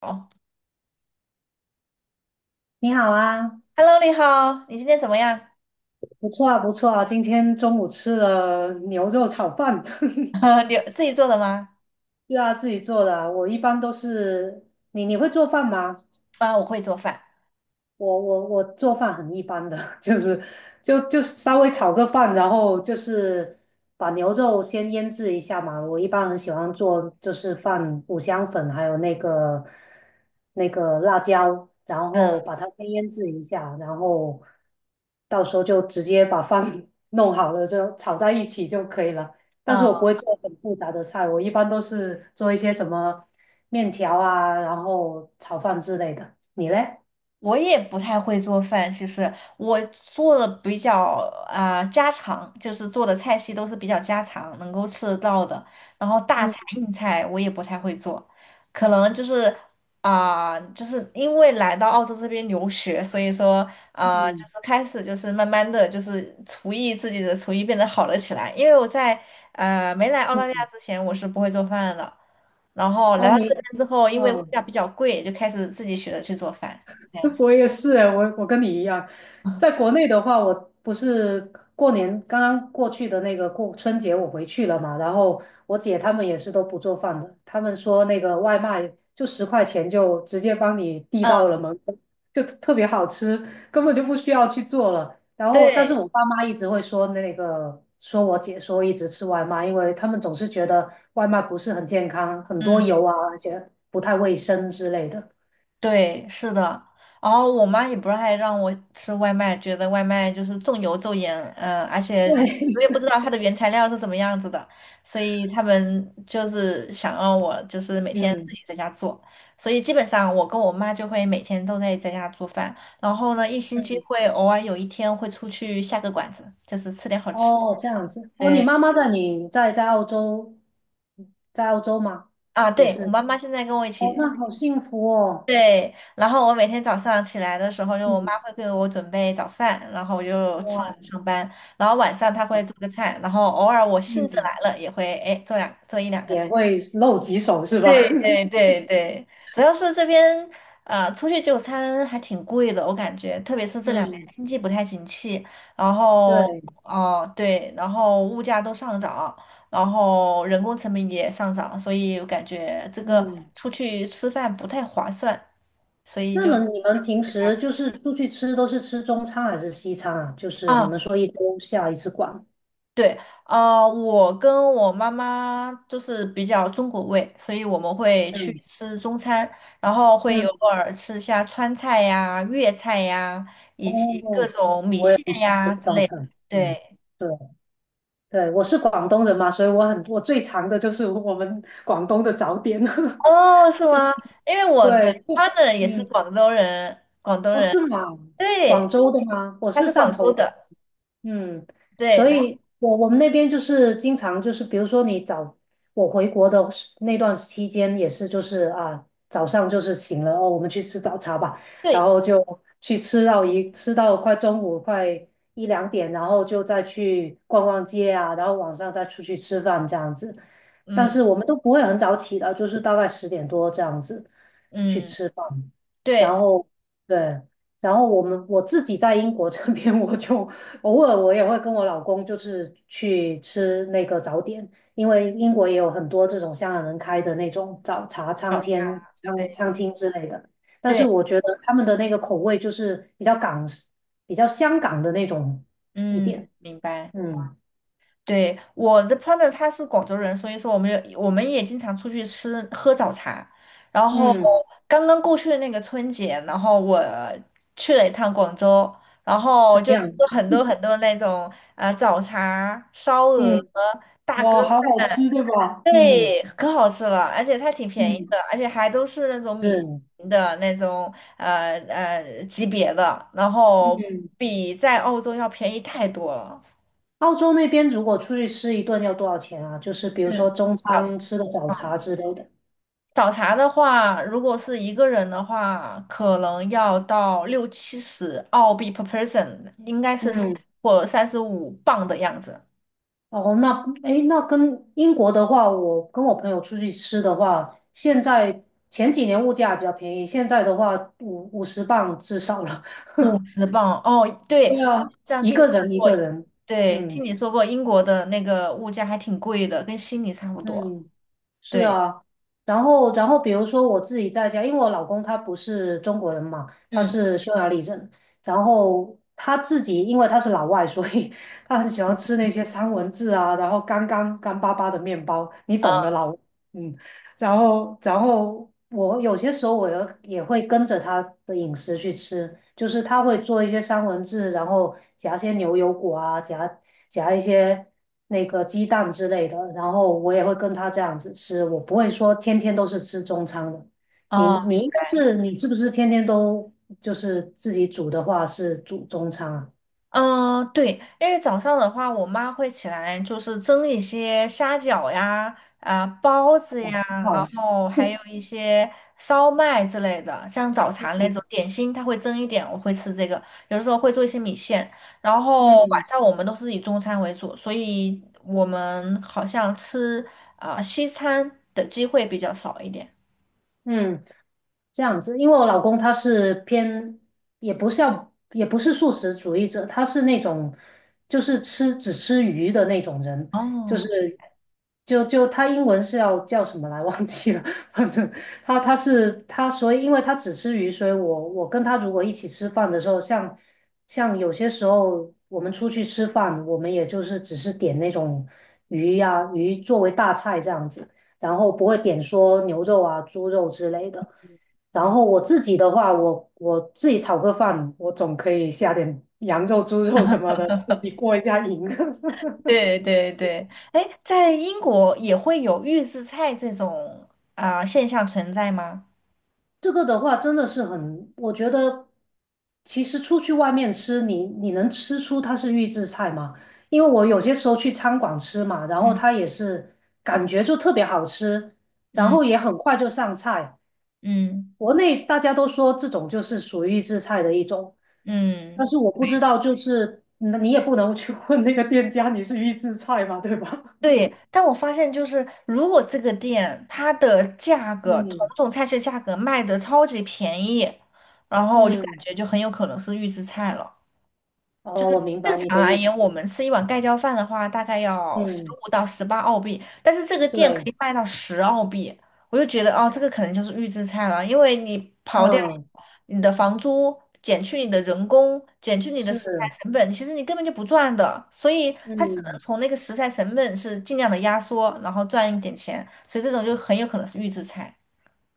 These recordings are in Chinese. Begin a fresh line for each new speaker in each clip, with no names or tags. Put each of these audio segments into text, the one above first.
哦
你好啊，
，Hello，你好，你今天怎么样？
不错啊，不错啊。今天中午吃了牛肉炒饭，
你自己做的吗？
是啊，自己做的啊我一般都是你会做饭吗？
啊，我会做饭。
我做饭很一般的，就是就稍微炒个饭，然后就是把牛肉先腌制一下嘛。我一般很喜欢做，就是放五香粉，还有那个辣椒，然
嗯
后把它先腌制一下，然后到时候就直接把饭 弄好了，就炒在一起就可以了。但是
嗯，
我不会做很复杂的菜，我一般都是做一些什么面条啊，然后炒饭之类的。你嘞？
我也不太会做饭，其实我做的比较家常，就是做的菜系都是比较家常，能够吃得到的。然后大菜
嗯。
硬菜我也不太会做，可能就是就是因为来到澳洲这边留学，所以说就
嗯
是开始就是慢慢的就是自己的厨艺变得好了起来。因为我在没来澳大利亚
嗯，
之前，我是不会做饭的，然后来
哦，
到这边
你，
之后，因为物
哦。
价比较贵，就开始自己学着去做饭。这样 子。
我也是哎，我跟你一样，
嗯，
在国内的话，我不是过年刚刚过去的那个过春节，我回去了嘛，然后我姐他们也是都不做饭的，他们说那个外卖就十块钱就直接帮你递到了门口，就特别好吃，根本就不需要去做了。然后，但是
对，
我爸妈一直会说那个说我姐说一直吃外卖，因为他们总是觉得外卖不是很健康，很多
嗯，
油啊，而且不太卫生之类的。
对，是的。然后我妈也不是还让我吃外卖，觉得外卖就是重油重盐，嗯，而且你我也不
对，
知道它的原材料是怎么样子的，所以他们就是想让我就是每 天自
嗯。
己在家做，所以基本上我跟我妈就会每天都在家做饭，然后呢，一星期
嗯，
会偶尔有一天会出去下个馆子，就是吃点好吃。
哦，这样子。哦，你
对
妈妈在你在在澳洲，在澳洲吗？
啊，
也
对，我
是。
妈妈现在跟我一
哦，
起。
那好幸福哦。
对，然后我每天早上起来的时候，就我
嗯，
妈会给我准备早饭，然后我就吃了
哇，
上班。然后晚上她会做个菜，然后偶尔我兴致
嗯，
来了也会哎做两做一两个
也
菜。
会露几手是
对
吧？
对对对，主要是这边出去就餐还挺贵的，我感觉，特别是这两年
嗯，
经济不太景气，然后
对，
哦对，然后物价都上涨，然后人工成本也上涨，所以我感觉这个
嗯。
出去吃饭不太划算，所以
那
就
么
在
你们平
家。
时就是出去吃都是吃中餐还是西餐啊？就是你们说一周下一次馆。
对，啊，我跟我妈妈就是比较中国味，所以我们会去
嗯
吃中餐，然后会
嗯，
偶尔吃一下川菜呀、粤菜呀，以及各
哦，
种米
我也
线
是
呀之类
中
的。
餐。嗯，
对，
对。对，我是广东人嘛，所以我最常的就是我们广东的早点。
哦，是吗？因为 我的
对，
partner 也是
嗯，
广州人，广东
哦，
人，
是吗？广
对，
州的吗？我
他
是
是
汕
广州
头的。
的，
嗯，
对，
所
然后
以我们那边就是经常就是，比如说你早我回国的时那段期间也是，就是啊早上就是醒了哦，我们去吃早茶吧，然
对，
后就去吃到吃到快中午快一两点，然后就再去逛逛街啊，然后晚上再出去吃饭这样子。但
嗯
是我们都不会很早起的，就是大概十点多这样子去
嗯，
吃饭，然
对，
后对。然后我自己在英国这边，偶尔我会跟我老公就是去吃那个早点，因为英国也有很多这种香港人开的那种早茶餐
早茶，
厅、
对
餐厅之类的。但是
对，
我觉得他们的那个口味就是比较香港的那种一
嗯，
点。
明白。
嗯
对，我的 partner 他是广州人，所以说我们也经常出去吃喝早茶。然后
嗯，
刚刚过去的那个春节，然后我去了一趟广州，然后
怎么
就
样？
吃了很多很多那种早茶、烧鹅、
嗯，
大哥
哇，好好
饭，
吃，对吧？嗯
对，可好吃了，而且它挺便宜的，
嗯，
而且还都是那种米其
是
林的那种级别的，然后
嗯。
比在澳洲要便宜太多了。
澳洲那边如果出去吃一顿要多少钱啊？就是比如
嗯。
说中餐吃个早茶之类的。
早茶的话，如果是一个人的话，可能要到六七十澳币 per person，应该是
嗯
或35磅的样子，
哦，那诶，那跟英国的话，我跟我朋友出去吃的话，现在前几年物价比较便宜，现在的话五十磅至少了。
50磅。哦，对，
对啊，
这 样听你说
一
过，
个人，
对，
嗯。
听你说过英国的那个物价还挺贵的，跟悉尼差不多。
嗯，是
对，
啊，然后比如说我自己在家，因为我老公他不是中国人嘛，他
嗯，
是匈牙利人，然后他自己因为他是老外，所以 他很喜欢吃那些三文治啊，然后干巴巴的面包，你
啊，
懂的老，嗯，然后我有些时候我也会跟着他的饮食去吃，就是他会做一些三文治，然后夹一些牛油果啊，夹一些。那个鸡蛋之类的，然后我也会跟他这样子吃，我不会说天天都是吃中餐的。
哦。
你是不是天天都就是自己煮的话是煮中餐啊？
嗯，对，因为早上的话，我妈会起来就是蒸一些虾饺呀、包子呀，然
好，
后还有一些烧麦之类的，像早茶 那
嗯
种点心，她会蒸一点，我会吃这个。有的时候会做一些米线，然后晚
嗯
上我们都是以中餐为主，所以我们好像吃西餐的机会比较少一点。
嗯。这样子，因为我老公他是偏，也不是要，也不是素食主义者，他是那种就是只吃鱼的那种人，就
哦，
是他英文是要叫什么来 忘记了，反正他，所以因为他只吃鱼，所以我跟他如果一起吃饭的时候，像有些时候我们出去吃饭，我们也就是只是点那种鱼作为大菜这样子。然后不会点说牛肉啊、猪肉之类的。然
嗯。
后我自己的话，我自己炒个饭，我总可以下点 羊肉、猪肉什么的，自己过一下瘾。
对对对，哎，在英国也会有预制菜这种现象存在吗？
这个的话真的是很，我觉得其实出去外面吃，你能吃出它是预制菜吗？因为我有些时候去餐馆吃嘛，然后
嗯
它也是感觉就特别好吃，然
嗯
后也很快就上菜。
嗯
国内大家都说这种就是属于预制菜的一种，但
嗯，
是我不知道，就是那你也不能去问那个店家你是预制菜嘛，对吧？
对。但我发现，就是如果这个店它的价 格，同
嗯
种菜式价格卖的超级便宜，然后我就感
嗯，
觉就很有可能是预制菜了。
哦，我明
正
白你
常
的
而
意思。
言，我们吃一碗盖浇饭的话，大概要十
嗯，
五到十八澳币，但是这个店可
对，
以卖到十澳币，我就觉得哦，这个可能就是预制菜了，因为你刨掉
嗯，
你的房租，减去你的人工，减去你的食材
是，
成本，其实你根本就不赚的，所以它只能
嗯。
从那个食材成本是尽量的压缩，然后赚一点钱，所以这种就很有可能是预制菜。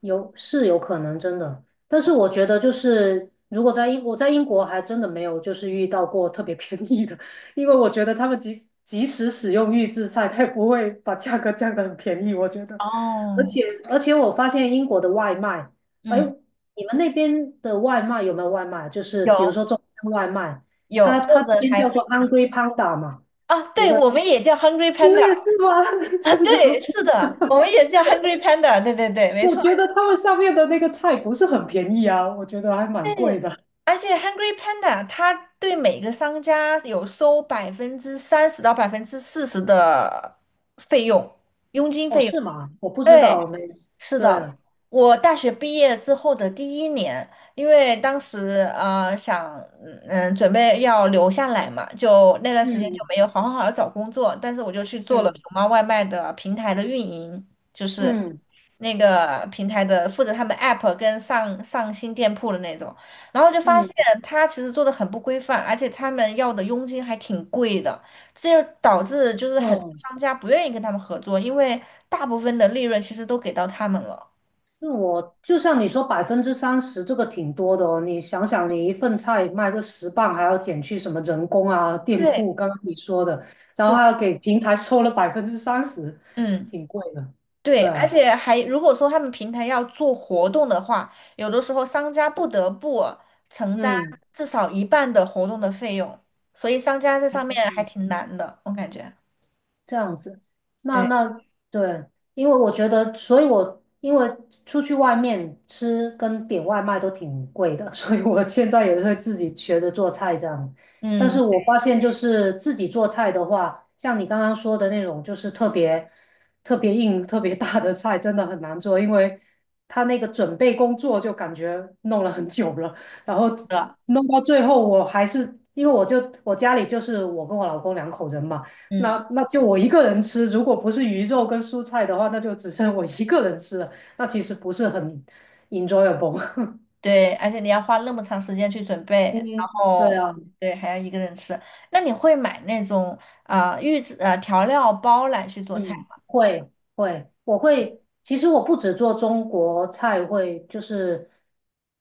有是有可能真的，但是我觉得就是如果在英我在英国还真的没有就是遇到过特别便宜的，因为我觉得他们即使使用预制菜，他也不会把价格降得很便宜，我觉得。而
哦，
且而且我发现英国的外卖，哎，
嗯，
你们那边的外卖有没有外卖？就是
有
比如说中餐外卖，
有，
它
或
它这
者
边
还
叫
非
做 Hungry Panda 嘛，
啊，
一
对，
个
我们也叫 Hungry
你们
Panda。
也是吗？
啊，
真的。
对，是的，我们也叫 Hungry Panda，对对对，没
我
错。
觉得他们上面的那个菜不是很便宜啊，我觉得还蛮贵
对，
的。
而且 Hungry Panda 它对每个商家有收30%到40%的费用，佣金
哦，
费用。
是吗？我不知
对，
道，我没，
是
对，
的，我大学毕业之后的第一年，因为当时想准备要留下来嘛，就那段时间就
嗯
没有好好地找工作，但是我就去做了
嗯
熊猫外卖的平台的运营，就是
嗯
那个平台的负责他们 app 跟上新店铺的那种，然后就发
嗯
现他其实做的很不规范，而且他们要的佣金还挺贵的，这就导致就是很多
嗯，
商家不愿意跟他们合作，因为大部分的利润其实都给到他们了。
那我就像你说，百分之三十这个挺多的哦。你想想，你一份菜卖个十磅，还要减去什么人工啊、店铺，
对，
刚刚你说的，然
是
后还
的，
要给平台收了百分之三十，
嗯，
挺贵的。对
对，而
啊，
且还如果说他们平台要做活动的话，有的时候商家不得不承担
嗯
至少一半的活动的费用，所以商家这上面还
嗯，
挺难的，我感觉。
这样子，那
对，
那对，因为我觉得，所以我因为出去外面吃跟点外卖都挺贵的，所以我现在也是会自己学着做菜这样。但
嗯，
是
是
我发现，就是自己做菜的话，像你刚刚说的那种，就是特别硬、特别大的菜，真的很难做，因为他那个准备工作就感觉弄了很久了。然后
的，
弄到最后，我还是因为我家里就是我跟我老公两口人嘛。
嗯。
那就我一个人吃，如果不是鱼肉跟蔬菜的话，那就只剩我一个人吃了，那其实不是很 enjoyable。
对，而且你要花那么长时间去准备，然
嗯，对
后
啊，
对，还要一个人吃。那你会买那种预制调料包来去做菜
嗯，
吗？
会，我会。其实我不只做中国菜，会就是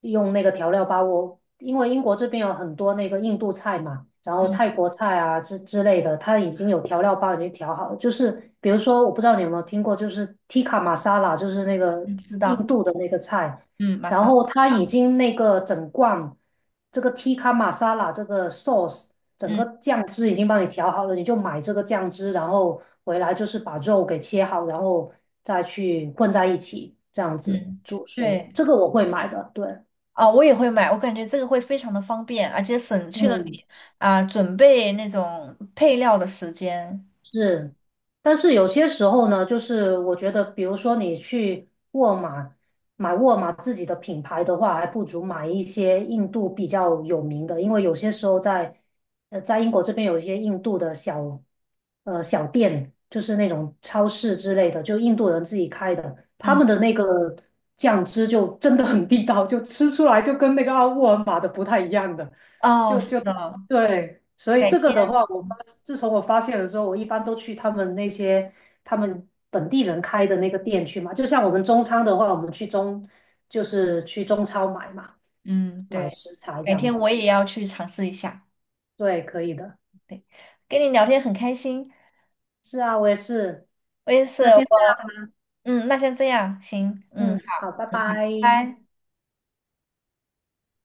用那个调料包。我因为英国这边有很多那个印度菜嘛，然后
嗯
泰国菜啊之类的，它已经有调料包已经调好了就是比如说，我不知道你有没有听过，就是 tikka masala,就是那个
嗯，知
印
道，
度的那个菜，
嗯，马
然
上，
后它已
嗯
经那个整罐这个 tikka masala 这个 sauce。整
嗯
个酱汁已经帮你调好了，你就买这个酱汁，然后回来就是把肉给切好，然后再去混在一起，这样子
嗯，
煮熟。
对，
这个我会买的，对，
我也会买，我感觉这个会非常的方便，而且省去了
嗯
你准备那种配料的时间。
是，但是有些时候呢，就是我觉得，比如说你去沃尔玛买沃尔玛自己的品牌的话，还不如买一些印度比较有名的，因为有些时候呃在英国这边有一些印度的呃小店，就是那种超市之类的，就印度人自己开的，他
嗯，
们的那个酱汁就真的很地道，就吃出来就跟那个啊沃尔玛的不太一样的。
哦，
就
是
就
的，
对，所以
改
这个
天，
的话，自从我发现了之后，我一般都去他们本地人开的那个店去嘛。就像我们中餐的话，我们去中就是去中超买嘛，
嗯，
买
对，
食材这
改
样
天我
子。
也要去尝试一下。
对，可以的。
对，跟你聊天很开心，
是啊，我也是。
我也是。
那现在，
嗯，那先这样，行，嗯，
嗯，好，
好，
拜
嗯好，
拜。
拜拜。